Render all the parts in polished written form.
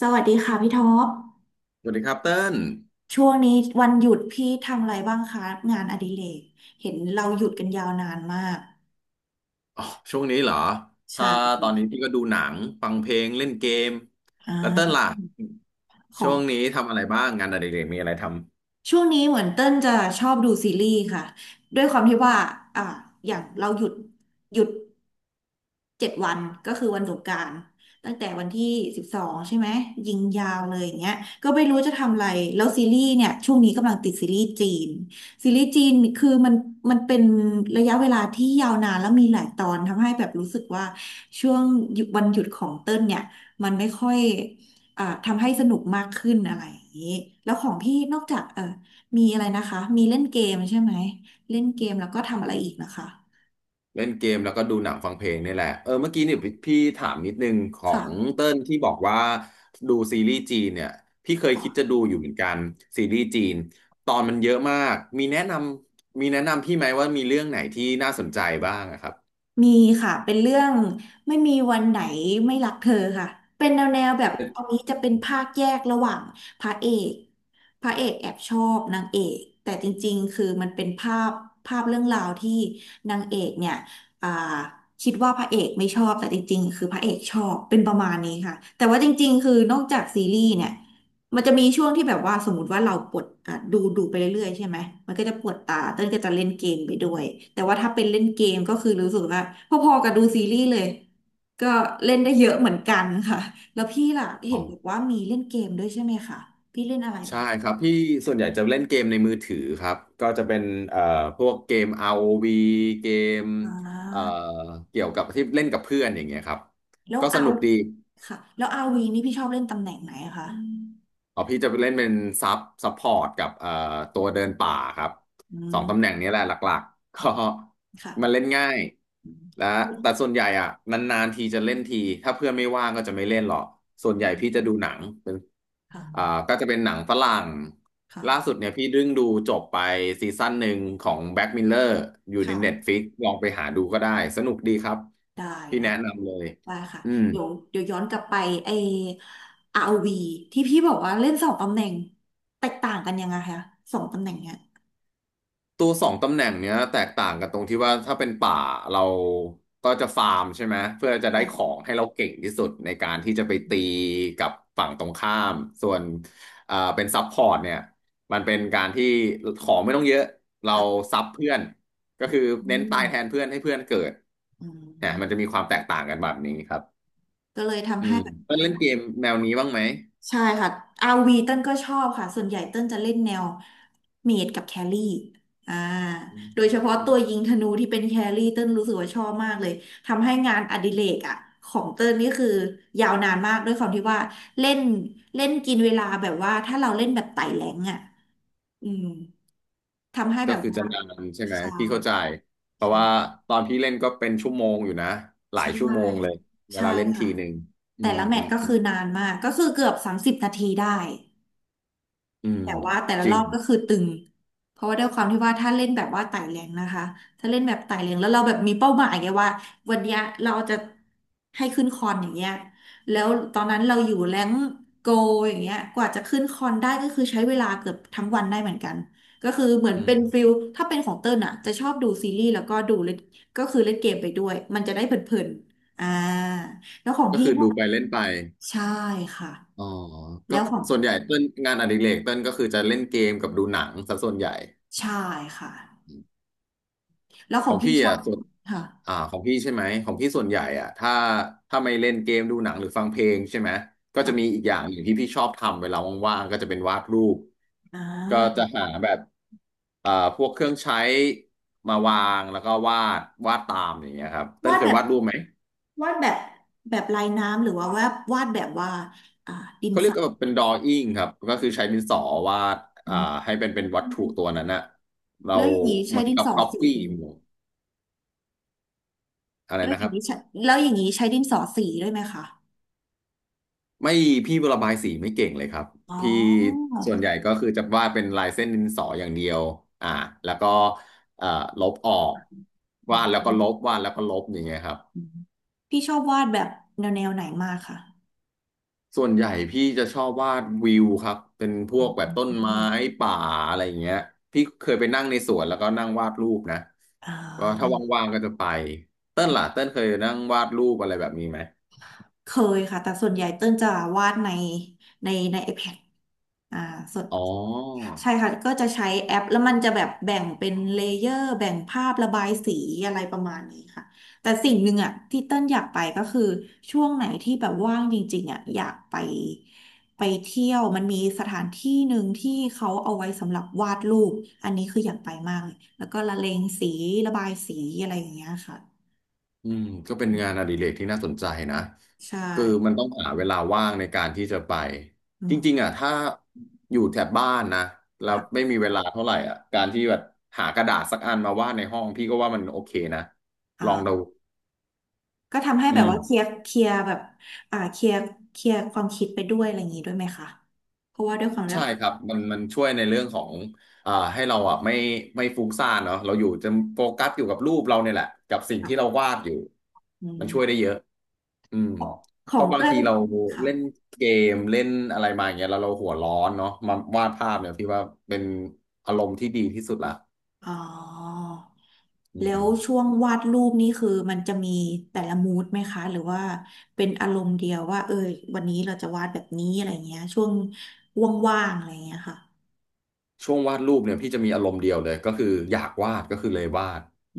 สวัสดีค่ะพี่ท็อป สวัสดีครับเติ้ลช่วงนี้วันหยุดพี่ทำอะไรบ้างคะงานอดิเรกเห็นเราหยุดกันยาวนานมากอ๋อช่วงนี้เหรอใช่ถ้าตอนนี้พี่ก็ดูหนังฟังเพลงเล่นเกมอแล้วเติ้ล่าล่ะขอช่วงงนี้ทำอะไรบ้างงานอดิเรกมีอะไรทำช่วงนี้เหมือนเต้นจะชอบดูซีรีส์ค่ะ ด้วยความที่ว่าอ่าอย่างเราหยุดหยุด 7 วันก็คือวันสงกรานต์ตั้งแต่วันที่12ใช่ไหมยิงยาวเลยอย่างเงี้ยก็ไม่รู้จะทำอะไรแล้วซีรีส์เนี่ยช่วงนี้กำลังติดซีรีส์จีนซีรีส์จีนคือมันเป็นระยะเวลาที่ยาวนานแล้วมีหลายตอนทำให้แบบรู้สึกว่าช่วงหยุดวันหยุดของเต้ลเนี่ยมันไม่ค่อยทำให้สนุกมากขึ้นอะไรอย่างนี้แล้วของพี่นอกจากมีอะไรนะคะมีเล่นเกมใช่ไหมเล่นเกมแล้วก็ทำอะไรอีกนะคะเล่นเกมแล้วก็ดูหนังฟังเพลงนี่แหละเออเมื่อกี้เนี่ยพี่ถามนิดนึงของค่ะ เติ้ลที่บอกว่าดูซีรีส์จีนเนี่ยพี่เคยคิดจะดูอยู่เหมือนกันซีรีส์จีนตอนมันเยอะมากมีแนะนำมีแนะนำพี่ไหมว่ามีเรื่องไหนที่น่าสนใจบ้างอะครับ มีค่ะเป็นเรื่องไม่มีวันไหนไม่รักเธอค่ะเป็นแนวแบบตันนี้จะเป็นภาคแยกระหว่างพระเอกแอบชอบนางเอกแต่จริงๆคือมันเป็นภาพเรื่องราวที่นางเอกเนี่ยอ่าคิดว่าพระเอกไม่ชอบแต่จริงๆคือพระเอกชอบเป็นประมาณนี้ค่ะแต่ว่าจริงๆคือนอกจากซีรีส์เนี่ย มันจะมีช่วงที่แบบว่าสมมติว่าเราปวดอ่ะดูไปเรื่อยๆใช่ไหมมันก็จะปวดตาเต้นก็จะเล่นเกมไปด้วยแต่ว่าถ้าเป็นเล่นเกมก็คือรู้สึกว่าพอๆกับดูซีรีส์เลยก็เล่นได้เยอะเหมือนกันค่ะแล้วพี่ล่ะเห็นบอกว่ามีเล่นเกมด้วยใช่ไหมคะพี่เล่นอะไรใช่บ้างครับพี่ส่วนใหญ่จะเล่นเกมในมือถือครับก็จะเป็นเอ่อพวกเกม ROV เกมอ่เอ่อาเกี่ยวกับที่เล่นกับเพื่อนอย่างเงี้ยครับแล้วก็สเอานุกดี ค่ะแล้วอาวีนี่พี่ชอบเล่นตำแหน่งไหนอะคะอ๋อพี่จะไปเล่นเป็นซับซัพพอร์ตกับตัวเดินป่าครับอืสองตำแหมน่งนี้แหละหลักๆก็มันเล่นค่ะง่ายอืและมแต่ส่วนใหญ่อ่ะนานๆทีจะเล่นทีถ้าเพื่อนไม่ว่างก็จะไม่เล่นหรอกส่วนใหญ่พี่จะดูหนังเป็นคอ่า่ะก็จะเป็นหนังฝรั่งค่ะล่าสุดเนี่ยพี่ดึ่งดูจบไปซีซั่นหนึ่งของแบ็กมิลเลอร์อยู่ใน ค่ะ Netflix ลองไปหาดูก็ได้สนุกดีครับได้พี่ได้ แนะนำเลยว่าค่ะอืม เดี๋ยวย้อนกลับไปไอ้ r วีที่พี่บอกว่าเล่นสองตำแหน่งแตกต่างกันยังไงคะสองตำแหน่งเนี้ยตัวสองตำแหน่งเนี้ยแตกต่างกันตรงที่ว่าถ้าเป็นป่าเราก็จะฟาร์มใช่ไหมเพื่อจะได้ใช่ของค่ะให้เราเก่งที่สุดในการที่จะไปตีกับฝั่งตรงข้ามส่วนเป็นซับพอร์ตเนี่ยมันเป็นการที่ของไม่ต้องเยอะเราค่ะซับเพื่อนก็คืออืเน้นตายแทนมเพื่อนให้เพื่อนเกิดอืเนี่ยมมันจะมีความแตกต่างกันแบบนี้ครับก็เลยอืทำให้มแบบ เพื่อนเล่นเกมแนวนี้บ้างไหมใช่ค่ะ RV เต้นก็ชอบค่ะส่วนใหญ่เต้นจะเล่นแนวเมจกับแครี่อ่าอืโดยเฉพาะตัวยิม งธนูที่เป็นแครี่เต้นรู้สึกว่าชอบมากเลยทำให้งานอดิเรกอ่ะของเต้นนี่คือยาวนานมากด้วยความที่ว่าเล่นเล่นกินเวลาแบบว่าถ้าเราเล่นแบบไต่แรงอ่ะอืมทำให้ก็แบบคือว่าจะนานใช่ไหมใช่พี่เข้าใจเพราะว่าใช่ตอนพี่เล่นก็เป็นชั่วโมงอยู่นะหลาใชยชั่วโมงเลย่เวใช่ลาเล่นค่ะทีหนึ่งอืแต่มละแมอืตมช์ก็อืคืมอนานมากก็คือเกือบ30 นาทีได้ อืมแต่ว่าแต่ละจรริองบก็คือตึงเพราะว่าด้วยความที่ว่าถ้าเล่นแบบว่าไต่แรงนะคะถ้าเล่นแบบไต่แรงแล้วเราแบบมีเป้าหมายไงว่าวันเนี้ยเราจะให้ขึ้นคอนอย่างเงี้ยแล้วตอนนั้นเราอยู่แรงโกอย่างเงี้ยกว่าจะขึ้นคอนได้ก็คือใช้เวลาเกือบทั้งวันได้เหมือนกันก็คือเหมือนอืเป็นฟิมลถ้าเป็นของเติ้ลอ่ะจะชอบดูซีรีส์แล้วก็ดูเล่นก็คือเล่นเกมไปด้วยมันจะได้เพลินๆแล้วของก็พี่คือดูไปเล่นไปใช่ค่ะอ๋อก็แล้วของส่วนใหญ่เต้นงานอดิเรกเต้นก็คือจะเล่นเกมกับดูหนังซะส่วนใหญ่ใช่ค่ะ แล้วขขององพี่พี่ชออ่ะบส่วนค่ะของพี่ใช่ไหมของพี่ส่วนใหญ่อ่ะถ้าถ้าไม่เล่นเกมดูหนังหรือฟังเพลงใช่ไหมก็จะมีค่ะอีกอย่างหนึ่งที่พี่ชอบทำเวลาว่างๆก็จะเป็นวาดรูป อ่าก็จะหาแบบพวกเครื่องใช้มาวางแล้วก็วาดวาดตามอย่างเงี้ยครับเต้นวาดเคแบยบวาดรูปไหมวาดแบบแบบลายน้ำหรือว่าวาดแบบว่าอ่าดินเขาเรีสยกอว่าเป็นดรอ w ิ n งครับก็คือใช้ดินสอวาดอือ่ามให้เป็นเป็นวัตถุตัวนั้นอะเราแล้วอย่างนี้เหใช้มือนดินกับสอก๊อปสีปี้อะไรแล้วนะอคย่ารังบนี้ใช้แล้วอย่างนี้ใช้ดินสอสีด้วยไหมคะไม่พี่ระบายสีไม่เก่งเลยครับ อ๋อพี่ส่วนใหญ่ก็คือจะวาดเป็นลายเส้นดินสออย่างเดียวอ่าแล้วก็เอ่อลบออกอืวามดแล้วอืก็มลบวาดแล้วก็ลบอย่างเงี้ยครับ อืมพี่ชอบวาดแบบแนวไหนมากค่ะส่วนใหญ่พี่จะชอบวาดวิวครับเป็นพวอืกมแบบอืมต้อนืไม้มป่าอะไรอย่างเงี้ยพี่เคยไปนั่งในสวนแล้วก็นั่งวาดรูปนะอ่ก็ถ้าาว่างๆก็จะไปเต้นล่ะเต้นเคยนั่งวาดรูปอะไรแบบนี้ไหมเคยค่ะแต่ส่วนใหญ่เติ้ลจะวาดในใน iPad อ่าสดอ๋อใช่ค่ะก็จะใช้แอปแล้วมันจะแบบแบ่งเป็นเลเยอร์แบ่งภาพระบายสีอะไรประมาณนี้ค่ะแต่สิ่งหนึ่งอ่ะที่เต้นอยากไปก็คือช่วงไหนที่แบบว่างจริงๆอ่ะอยากไปเที่ยวมันมีสถานที่หนึ่งที่เขาเอาไว้สำหรับวาดรูปอันนี้คืออยากไปมากเลยแล้วก็ละเลงสีระบายสีอะไรอย่างเงี้ยค่ะอืมก็เป็นงานอดิเรกที่น่าสนใจนะใช่คือมันต้องหาเวลาว่างในการที่จะไปอืจมริงๆอ่ะถ้าอยู่แถบบ้านนะแล้วค่ะไม่มีเวลาเท่าไหร่อ่ะการที่แบบหากระดาษสักอันมาวาดในห้องพี่ก็ว่ามันโอเคนะอ่ลองดูา ก็ทำให้อืแบบม ว่าเคลียร์แบบอ่าเคลียร์เคลียร์ความคิดไปด้วยอะไรอย่างนี้ด้วยไหมคะเพราะว่าด้วยความแบใช่บครับมันช่วยในเรื่องของให้เราอ่ะไม่ฟุ้งซ่านเนาะเราอยู่จะโฟกัสอยู่กับรูปเราเนี่ยแหละกับสิ่งแบบที่เราวาดอยู่อืมันช่วยได้มเยอะอืมขเพองราะบางเกิ้ทีลเราค่ะเล่นเกมเล่นอะไรมาอย่างเงี้ยแล้วเราหัวร้อนเนาะมาวาดภาพเนี่ยพี่ว่าเป็นอารมณ์ที่ดีที่สุดละอ๋ออืแล้วม ช่วงวาดรูปนี่คือมันจะมีแต่ละมูดไหมคะหรือว่าเป็นอารมณ์เดียวว่าเออวันนี้เราจะวาดแบบนี้อะไรเงี้ยช่วงว่างๆอะไรเงี้ยค่ะช่วงวาดรูปเนี่ยพี่จะมีอารมณ์เดียวเลยก็คืออยากวาดก็คือเลยวาดอ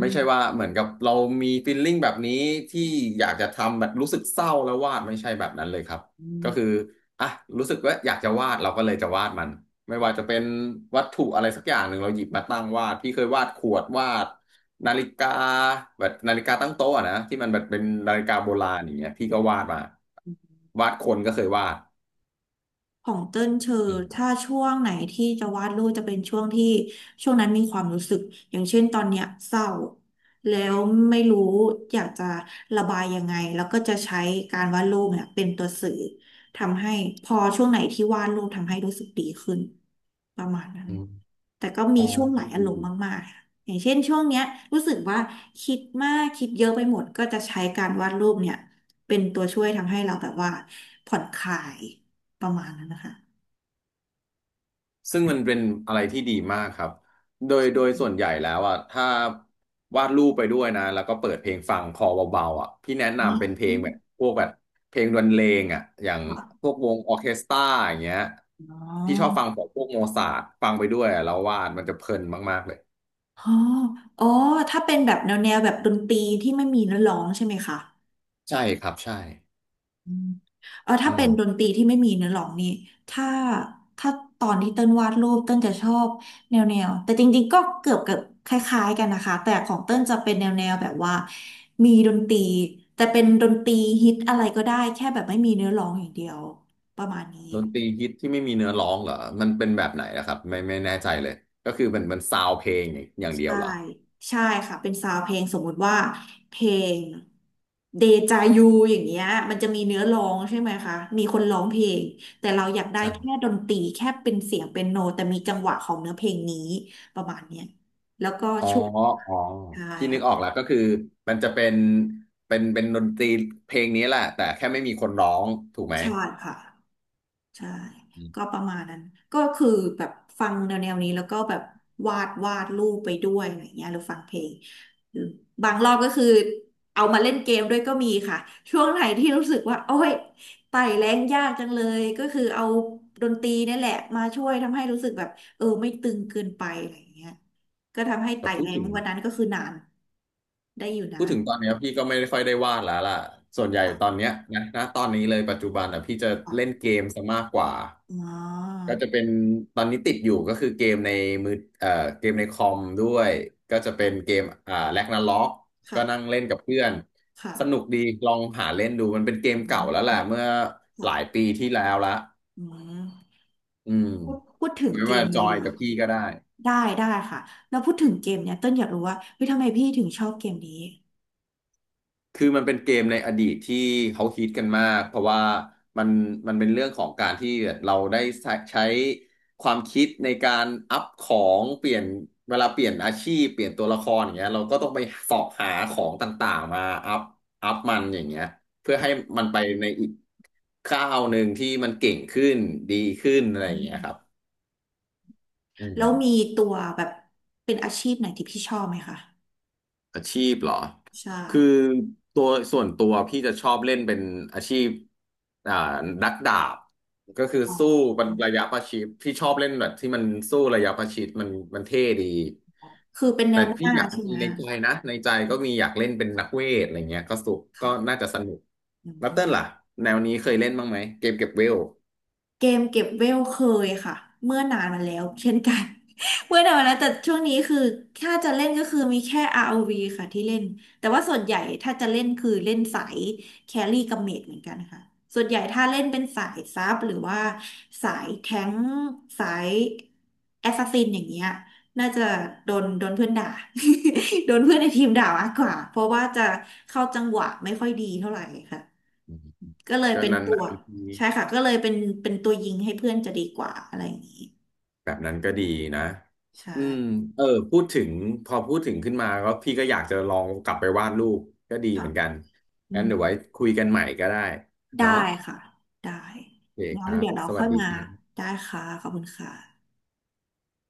ไม่ใช่ว่าเหมือนกับเรามีฟีลลิ่งแบบนี้ที่อยากจะทำแบบรู้สึกเศร้าแล้ววาดไม่ใช่แบบนั้นเลยครับก็คือม อ่ะรู้สึกว่าอยากจะวาดเราก็เลยจะวาดมันไม่ว่าจะเป็นวัตถุอะไรสักอย่างหนึ่งเราหยิบมาตั้งวาดพี่เคยวาดขวดวาดนาฬิกาแบบนาฬิกาตั้งโต๊ะอะนะที่มันแบบเป็นนาฬิกาโบราณอย่างเงี้ยพี่ก็วาดมาวาดคนก็เคยวาดของเติ้นเชออืมถ้าช่วงไหนที่จะวาดรูปจะเป็นช่วงที่ช่วงนั้นมีความรู้สึกอย่างเช่นตอนเนี้ยเศร้าแล้วไม่รู้อยากจะระบายยังไงแล้วก็จะใช้การวาดรูปเนี่ยเป็นตัวสื่อทำให้พอช่วงไหนที่วาดรูปทำให้รู้สึกดีขึ้นประมาณนั้นอมแต่ก็มีอ๋อ ช่วงหลายอารมณ์มากๆค่ะอย่างเช่นช่วงเนี้ยรู้สึกว่าคิดมากคิดเยอะไปหมดก็จะใช้การวาดรูปเนี่ยเป็นตัวช่วยทำให้เราแบบว่าผ่อนคลาย ประมาณนั้นนะคะซึ่งมันเป็นอะไรที่ดีมากครับ โดยส่วนใหญ่แล้วอ่ะถ้าวาดรูปไปด้วยนะแล้วก็เปิดเพลงฟังคอเบาๆพี่แนะอ๋อนำเป็นเพลงแบบพวกแบบเพลงดนเลงอย่างค่ะพวกวงออร์เคสตราอย่างเงี้ยอ๋อพี่ชอบฟังของพวกโมซาร์ทฟังไปด้วยแล้ววาดมันจะเพลินมากๆเลยอ๋ออ๋อถ้าเป็นแบบแนวแนวแบบดนตรีที่ไม่มีเนื้อร้องใช่ไหมคะใช่ครับใช่อืมเออถ้าอืเป็มนดนตรีที่ไม่มีเนื้อร้องนี่ถ้าถ้าตอนที่เต้นวาดรูปเต้นจะชอบแนวแนว แต่จริงๆ ก็เกือบเกือบคล้ายๆกันนะคะ แต่ของเต้นจะเป็นแนวแนวแบบว่ามีดนตรีแต่เป็นดนตรีฮิตอะไรก็ได้แค่แบบไม่มีเนื้อร้องอย่างเดียวประมาณนี้ ดนตรีฮิตที่ไม่มีเนื้อร้องเหรอมันเป็นแบบไหนนะครับไม่แน่ใจเลยก็คือมันซาวเพลงอย่างเดียวใช่ เหรอใช่ค่ะ เป็นซาวด์เพลงสมมุติว่าเพลงเดจายูอย่างเงี้ยมันจะมีเนื้อร้องใช่ไหมคะ มีคนร้องเพลง แต่เราอยากได้แค่ใช่ ดนตรีแค่เป็นเสียงเป็นโน แต่มีจังหวะของเนื้อเพลงนี้ประมาณเนี้ยแล้วก็อ๋อช่วงอ๋อใช่ที่นึค่ะกออกแล้วก็คือมันจะเป็นเป็นดนตรีเพลงนี้แหละแต่แค่ไม่มีคนร้องถูกไหมใช่ค่ะ ใช่อืมก็ประมาณนั้นก็คือแบบฟังแนวๆนี้แล้วก็แบบวาดรูปไปด้วยอะไรเงี้ยหรือฟังเพลงหรือบางรอบก็คือเอามาเล่นเกมด้วยก็มีค่ะช่วงไหนที่รู้สึกว่าโอ้ยไต่แรงยากจังเลยก็คือเอาดนตรีนี่แหละมาช่วยทำให้รู้สึกแบบเออไม่ตึงเกินไปอะไรเงี้ยก็ทำให้แต่ไต่แรงวันนั้นก็คือนานได้อยู่พูนาดนถึงตอนเนี้ยพี่ก็ไม่ค่อยได้วาดแล้วล่ะส่วนใหญ่ค่ะตอนเนี้ยนะตอนนี้เลยปัจจุบันอ่ะพี่จะค่ะเล่นเกมซะมากกว่าอ๋อก็จะเป็นตอนนี้ติดอยู่ก็คือเกมในมือเอ่อเกมในคอมด้วยก็จะเป็นเกมแร็กนาร็อกก็นั่งค่ะเล่นกับเพื่อนสนุกค่ะดีลองหาเล่นดูมันเป็นเกอมเก่าแล้วแหืมละเมื่อหลายค่ะปีที่แล้วละ อืม อืมพูดถึงไม่เกว่ามจอนี้ยละกับพี่ก็ได้ได้ได้ค่ะแล้วพูดถึงเกมเนี้ยเต้นอยากรู้ว่าเฮ้ยทำไมพี่ถึงชอบเกมนี้คือมันเป็นเกมในอดีตที่เขาฮิตกันมากเพราะว่ามันเป็นเรื่องของการที่เราได้ใช้ความคิดในการอัพของเปลี่ยนเวลาเปลี่ยนอาชีพเปลี่ยนตัวละครอย่างเงี้ยเราก็ต้องไปเสาะหาของต่างๆมาอัพมันอย่างเงี้ยเพื่อให้ค่ะมันไปในอีกก้าวหนึ่งที่มันเก่งขึ้นดีขึ้นอะไรอือย่างเงี้ยครับมอืแล้ม วมีตัวแบบเป็นอาชีพไหนที่พี่ชอบไหมคะอาชีพเหรอใช่คือตัวส่วนตัวพี่จะชอบเล่นเป็นอาชีพอ่านักดาบก็คืออ๋สู้อเป็นระยะประชิดพี่ชอบเล่นแบบที่มันสู้ระยะประชิดมันเท่ดีคือเป็นแนแต่วหพี่น้าอยากใช่มีไหมในใจนะในใจก็มีอยากเล่นเป็นนักเวทอะไรเงี้ยก็สุกก็น่าค่ะจะสนุกอืแล้วเต้นม ล่ะแนวนี้เคยเล่นบ้างไหมเกมเก็บเวลเกมเก็บเวลเคยค่ะเมื่อนานมาแล้วเช่นกัน เมื่อนานมาแล้วแต่ช่วงนี้คือถ้าจะเล่นก็คือมีแค่ ROV ค่ะที่เล่นแต่ว่าส่วนใหญ่ถ้าจะเล่นคือเล่นสายแครี่กับเมจเหมือนกันค่ะส่วนใหญ่ถ้าเล่นเป็นสายซับหรือว่าสายแท้งสายแอสซัสซินอย่างเงี้ยน่าจะโดนเพื่อนด่า โดนเพื่อนในทีมด่ามากกว่าเพราะว่าจะเข้าจังหวะไม่ค่อยดีเท่าไหร่ค่ะ อืมก็เลยก็เป็นนาปนวกๆที ใช่ค่ะก็เลยเป็นเป็นตัวยิงให้เพื่อนจะดีกว่าอะไรอย่างนี้แบบนั้นก็ดีนะใช่อืมเออพูดถึงพอพูดถึงขึ้นมาก็พี่ก็อยากจะลองกลับไปวาดรูปก็ดีเหค่ะมือนกันอืงั้นมเดี๋ยวไว้คุยกันใหม่ก็ได้ได้เนาะค่ะได้โอเคคงั้นรับเดี๋ยวเราสค่วัอสยดีมาครับได้ค่ะขอบคุณค่ะ